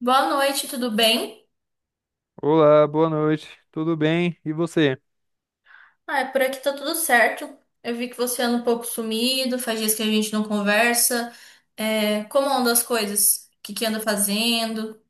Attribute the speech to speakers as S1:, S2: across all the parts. S1: Boa noite, tudo bem?
S2: Olá, boa noite. Tudo bem? E você?
S1: Por aqui tá tudo certo. Eu vi que você anda um pouco sumido, faz dias que a gente não conversa. Como andam as coisas? O que que anda fazendo?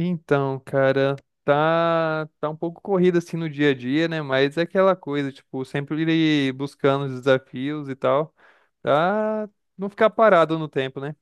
S2: Então, cara, tá um pouco corrido assim no dia a dia, né? Mas é aquela coisa, tipo, sempre ir buscando os desafios e tal, pra não ficar parado no tempo, né?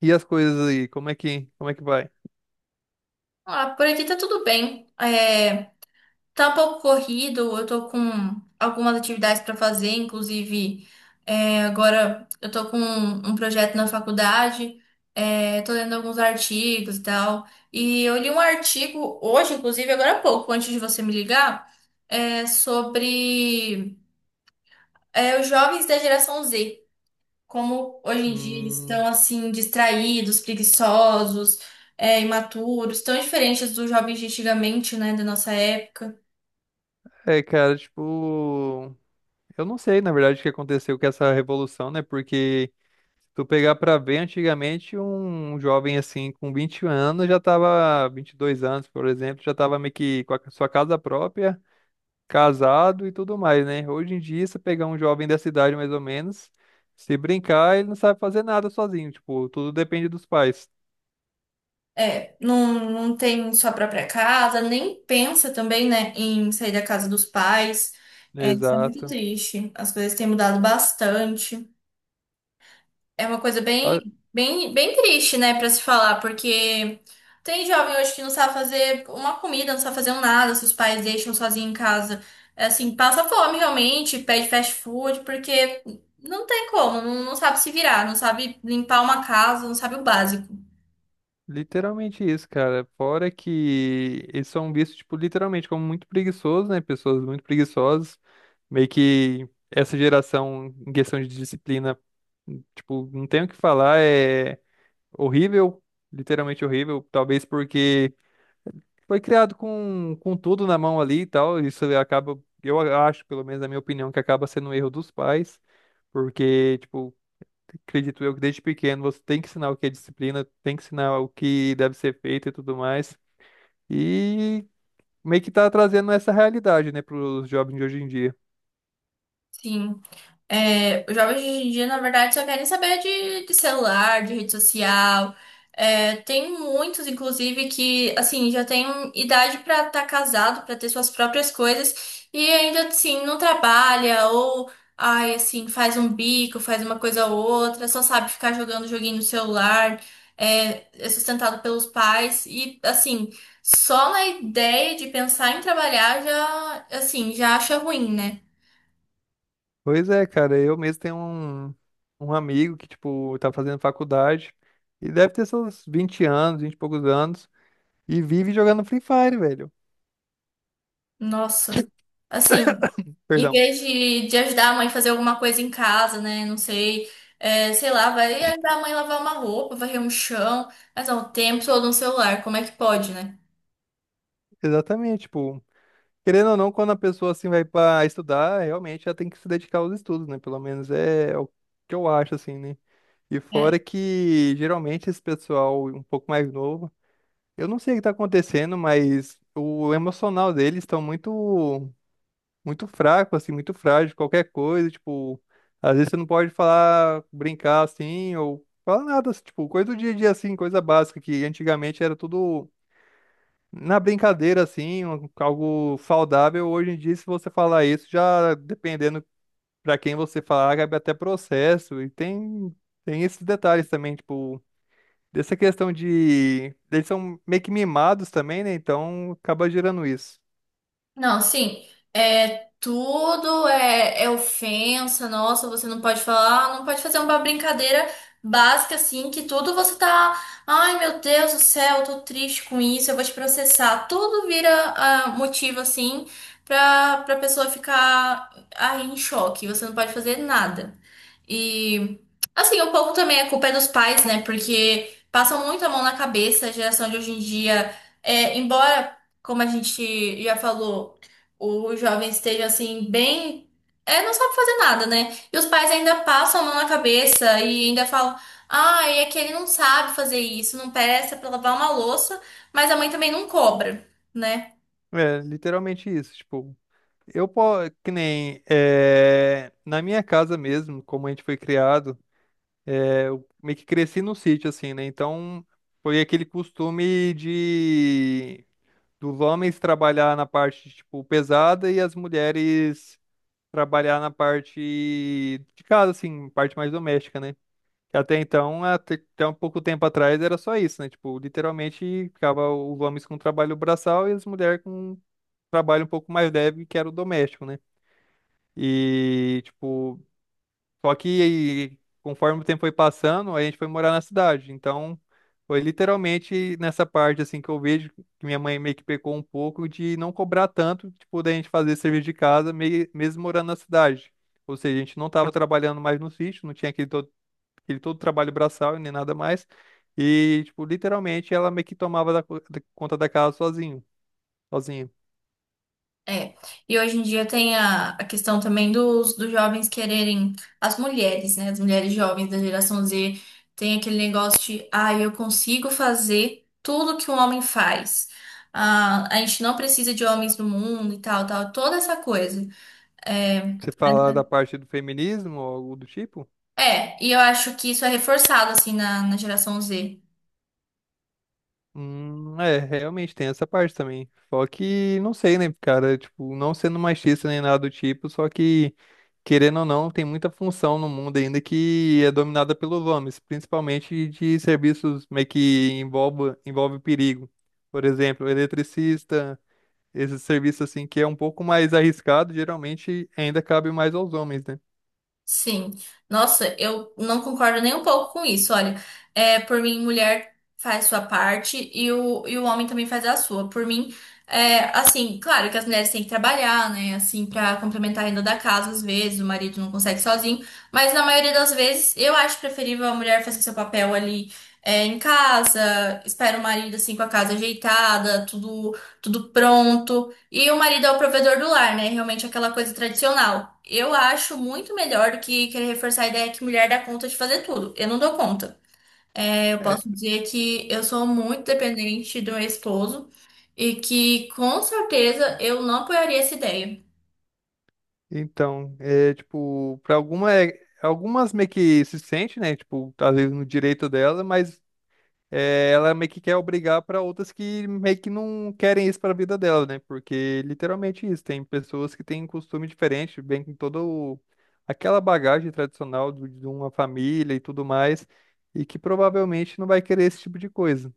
S2: E as coisas aí, como é que vai?
S1: Ah, por aqui tá tudo bem. Tá um pouco corrido, eu tô com algumas atividades para fazer, inclusive agora eu tô com um projeto na faculdade, tô lendo alguns artigos e tal. E eu li um artigo hoje, inclusive agora há pouco, antes de você me ligar, sobre os jovens da geração Z, como hoje em dia eles
S2: Hum,
S1: estão assim distraídos, preguiçosos, imaturos, tão diferentes dos jovens de antigamente, né, da nossa época.
S2: é, cara, tipo, eu não sei, na verdade, o que aconteceu com essa revolução, né? Porque se tu pegar pra ver, antigamente um jovem assim com 20 anos já tava, 22 anos, por exemplo, já tava meio que com a sua casa própria, casado e tudo mais, né? Hoje em dia, se pegar um jovem dessa idade mais ou menos, se brincar, ele não sabe fazer nada sozinho, tipo, tudo depende dos pais.
S1: É, não tem sua própria casa, nem pensa também, né, em sair da casa dos pais. É, isso é muito
S2: Exato.
S1: triste. As coisas têm mudado bastante. É uma coisa
S2: Ah,
S1: bem triste, né, pra se falar, porque tem jovem hoje que não sabe fazer uma comida, não sabe fazer um nada, se os pais deixam sozinho em casa. É, assim, passa fome realmente, pede fast food, porque não tem como, não sabe se virar, não sabe limpar uma casa, não sabe o básico.
S2: Literalmente isso, cara. Fora que eles são vistos, tipo, literalmente como muito preguiçosos, né? Pessoas muito preguiçosas. Meio que essa geração, em questão de disciplina, tipo, não tem o que falar, é horrível, literalmente horrível. Talvez porque foi criado com tudo na mão ali e tal. Isso acaba, eu acho, pelo menos na minha opinião, que acaba sendo um erro dos pais. Porque, tipo, acredito eu que desde pequeno você tem que ensinar o que é disciplina, tem que ensinar o que deve ser feito e tudo mais. E meio que tá trazendo essa realidade, né, pros jovens de hoje em dia.
S1: Sim. É, os jovens de hoje em dia, na verdade, só querem saber de celular, de rede social. É, tem muitos, inclusive, que, assim, já têm idade pra estar casado, pra ter suas próprias coisas, e ainda, assim, não trabalha, ou, ai, assim, faz um bico, faz uma coisa ou outra, só sabe ficar jogando joguinho no celular, é sustentado pelos pais, e, assim, só na ideia de pensar em trabalhar já, assim, já acha ruim, né?
S2: Pois é, cara, eu mesmo tenho um amigo que, tipo, tá fazendo faculdade e deve ter seus 20 anos, 20 e poucos anos, e vive jogando Free Fire, velho.
S1: Nossa. Assim, em
S2: Perdão.
S1: vez de ajudar a mãe a fazer alguma coisa em casa, né? Não sei, sei lá, vai ajudar a mãe a lavar uma roupa, varrer um chão, mas não, o tempo todo no celular, como é que pode, né?
S2: Exatamente, tipo, querendo ou não, quando a pessoa assim vai pra estudar, realmente ela tem que se dedicar aos estudos, né? Pelo menos é o que eu acho, assim, né? E fora que geralmente esse pessoal um pouco mais novo, eu não sei o que tá acontecendo, mas o emocional deles estão muito fraco assim, muito frágil, qualquer coisa, tipo, às vezes você não pode falar, brincar assim ou falar nada, assim, tipo, coisa do dia a dia assim, coisa básica que antigamente era tudo na brincadeira assim, algo saudável. Hoje em dia, se você falar isso, já dependendo pra quem você falar, cabe até processo e tem esses detalhes também, tipo dessa questão de. Eles são meio que mimados também, né? Então acaba gerando isso.
S1: Não, sim, tudo é ofensa, nossa, você não pode falar, não pode fazer uma brincadeira básica assim, que tudo você tá, ai meu Deus do céu, eu tô triste com isso, eu vou te processar. Tudo vira ah, motivo assim pra pessoa ficar aí em choque, você não pode fazer nada. E assim, um pouco também a culpa é dos pais, né? Porque passam muito a mão na cabeça, a geração de hoje em dia, embora como a gente já falou, o jovem esteja assim, bem. É, não sabe fazer nada, né? E os pais ainda passam a mão na cabeça e ainda falam: ah, é que ele não sabe fazer isso, não presta pra lavar uma louça, mas a mãe também não cobra, né?
S2: É, literalmente isso. Tipo, eu, po- que nem. Na minha casa mesmo, como a gente foi criado, eu meio que cresci no sítio, assim, né? Então foi aquele costume de. Dos homens trabalhar na parte, tipo, pesada e as mulheres trabalhar na parte de casa, assim, parte mais doméstica, né? Até então, até um pouco tempo atrás era só isso, né? Tipo, literalmente ficava os homens com trabalho braçal e as mulheres com trabalho um pouco mais leve, que era o doméstico, né? E, tipo, só que conforme o tempo foi passando, a gente foi morar na cidade. Então, foi literalmente nessa parte, assim, que eu vejo que minha mãe meio que pecou um pouco de não cobrar tanto, tipo, da gente fazer serviço de casa, meio, mesmo morando na cidade. Ou seja, a gente não estava trabalhando mais no sítio, não tinha aquele todo ele todo trabalho braçal e nem nada mais. E, tipo, literalmente ela meio que tomava da conta da casa sozinho, sozinha.
S1: É, e hoje em dia tem a questão também dos jovens quererem, as mulheres, né? As mulheres jovens da geração Z tem aquele negócio de, ah, eu consigo fazer tudo que um homem faz. Ah, a gente não precisa de homens no mundo e tal, tal, toda essa coisa. É,
S2: Você fala da parte do feminismo ou algo do tipo?
S1: e eu acho que isso é reforçado, assim, na geração Z.
S2: É, realmente tem essa parte também. Só que, não sei, né, cara, tipo, não sendo machista nem nada do tipo, só que, querendo ou não, tem muita função no mundo ainda que é dominada pelos homens, principalmente de serviços meio que envolve perigo. Por exemplo, eletricista, esse serviço assim que é um pouco mais arriscado, geralmente ainda cabe mais aos homens, né?
S1: Sim, nossa, eu não concordo nem um pouco com isso. Olha, por mim, mulher faz sua parte e o homem também faz a sua. Por mim, assim, claro que as mulheres têm que trabalhar, né? Assim, pra complementar a renda da casa, às vezes, o marido não consegue sozinho, mas na maioria das vezes eu acho preferível a mulher fazer seu papel ali, em casa, espera o marido, assim, com a casa ajeitada, tudo, tudo pronto. E o marido é o provedor do lar, né? Realmente aquela coisa tradicional. Eu acho muito melhor do que querer reforçar a ideia que mulher dá conta de fazer tudo. Eu não dou conta. É, eu
S2: É,
S1: posso dizer que eu sou muito dependente do meu esposo e que com certeza eu não apoiaria essa ideia.
S2: então, é tipo, algumas meio que se sente, né? Tipo, às vezes no direito dela, mas é, ela meio que quer obrigar para outras que meio que não querem isso para a vida dela, né? Porque literalmente isso, tem pessoas que têm um costume diferente, bem com aquela bagagem tradicional de uma família e tudo mais, e que provavelmente não vai querer esse tipo de coisa.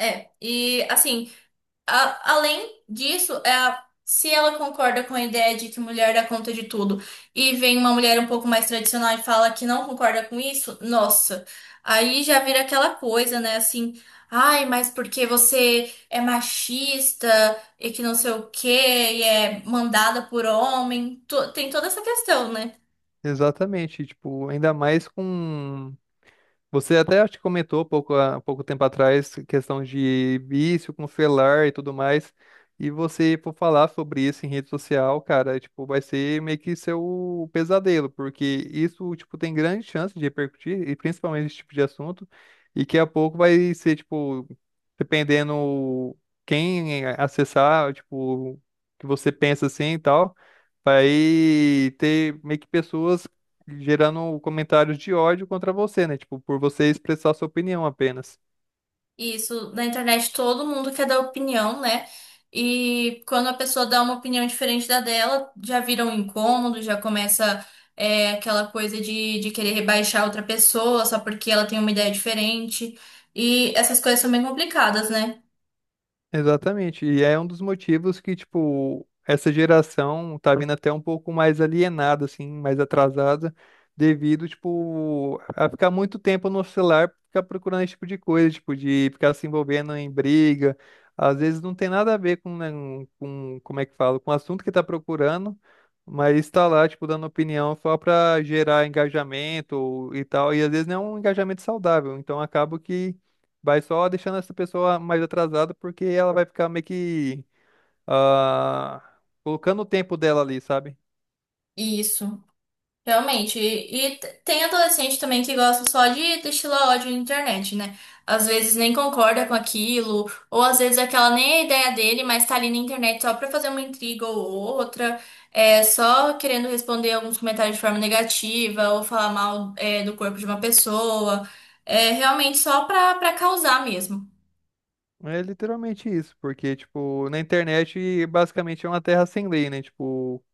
S1: É, e assim. Além disso, se ela concorda com a ideia de que mulher dá conta de tudo e vem uma mulher um pouco mais tradicional e fala que não concorda com isso, nossa, aí já vira aquela coisa, né? Assim, ai, mas porque você é machista e que não sei o quê, e é mandada por homem, tem toda essa questão, né?
S2: Exatamente, tipo, ainda mais com. Você até acho que comentou pouco, há pouco tempo atrás, questão de vício com celular e tudo mais. E você for falar sobre isso em rede social, cara, tipo, vai ser meio que seu pesadelo, porque isso, tipo, tem grande chance de repercutir, e principalmente esse tipo de assunto, e que a pouco vai ser, tipo, dependendo quem acessar, tipo, que você pensa assim e tal. Vai ter meio que pessoas gerando comentários de ódio contra você, né? Tipo, por você expressar sua opinião apenas.
S1: Isso, na internet todo mundo quer dar opinião, né? E quando a pessoa dá uma opinião diferente da dela, já vira um incômodo, já começa aquela coisa de querer rebaixar outra pessoa só porque ela tem uma ideia diferente. E essas coisas são bem complicadas, né?
S2: Exatamente. E é um dos motivos que, tipo, essa geração tá vindo até um pouco mais alienada, assim, mais atrasada, devido, tipo, a ficar muito tempo no celular, ficar procurando esse tipo de coisa, tipo, de ficar se envolvendo em briga. Às vezes não tem nada a ver com, né, com como é que fala, com o assunto que tá procurando, mas está lá, tipo, dando opinião só pra gerar engajamento e tal. E às vezes não é um engajamento saudável. Então acaba que vai só deixando essa pessoa mais atrasada, porque ela vai ficar meio que ah, colocando o tempo dela ali, sabe?
S1: Isso. Realmente, tem adolescente também que gosta só de destilar ódio na internet, né? Às vezes nem concorda com aquilo, ou às vezes aquela nem é a ideia dele, mas tá ali na internet só pra fazer uma intriga ou outra, só querendo responder alguns comentários de forma negativa, ou falar mal, do corpo de uma pessoa, é realmente só pra causar mesmo.
S2: É literalmente isso, porque, tipo, na internet basicamente é uma terra sem lei, né? Tipo,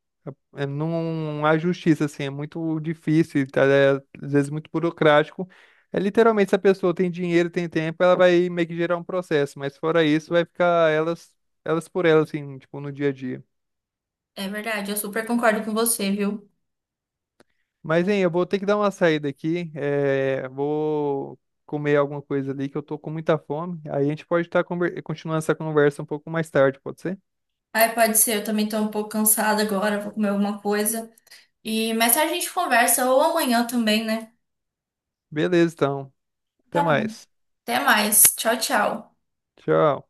S2: é, não há justiça, assim, é muito difícil, tá? É, às vezes muito burocrático. É literalmente se a pessoa tem dinheiro, tem tempo, ela vai meio que gerar um processo, mas fora isso, vai ficar elas, elas por elas, assim, tipo, no dia a dia.
S1: É verdade, eu super concordo com você, viu?
S2: Mas, hein, eu vou ter que dar uma saída aqui. Vou comer alguma coisa ali que eu tô com muita fome. Aí a gente pode estar continuando essa conversa um pouco mais tarde, pode ser?
S1: Ai, pode ser, eu também tô um pouco cansada agora, vou comer alguma coisa. E mais tarde a gente conversa, ou amanhã também, né?
S2: Beleza, então. Até
S1: Tá bom.
S2: mais.
S1: Até mais. Tchau, tchau.
S2: Tchau.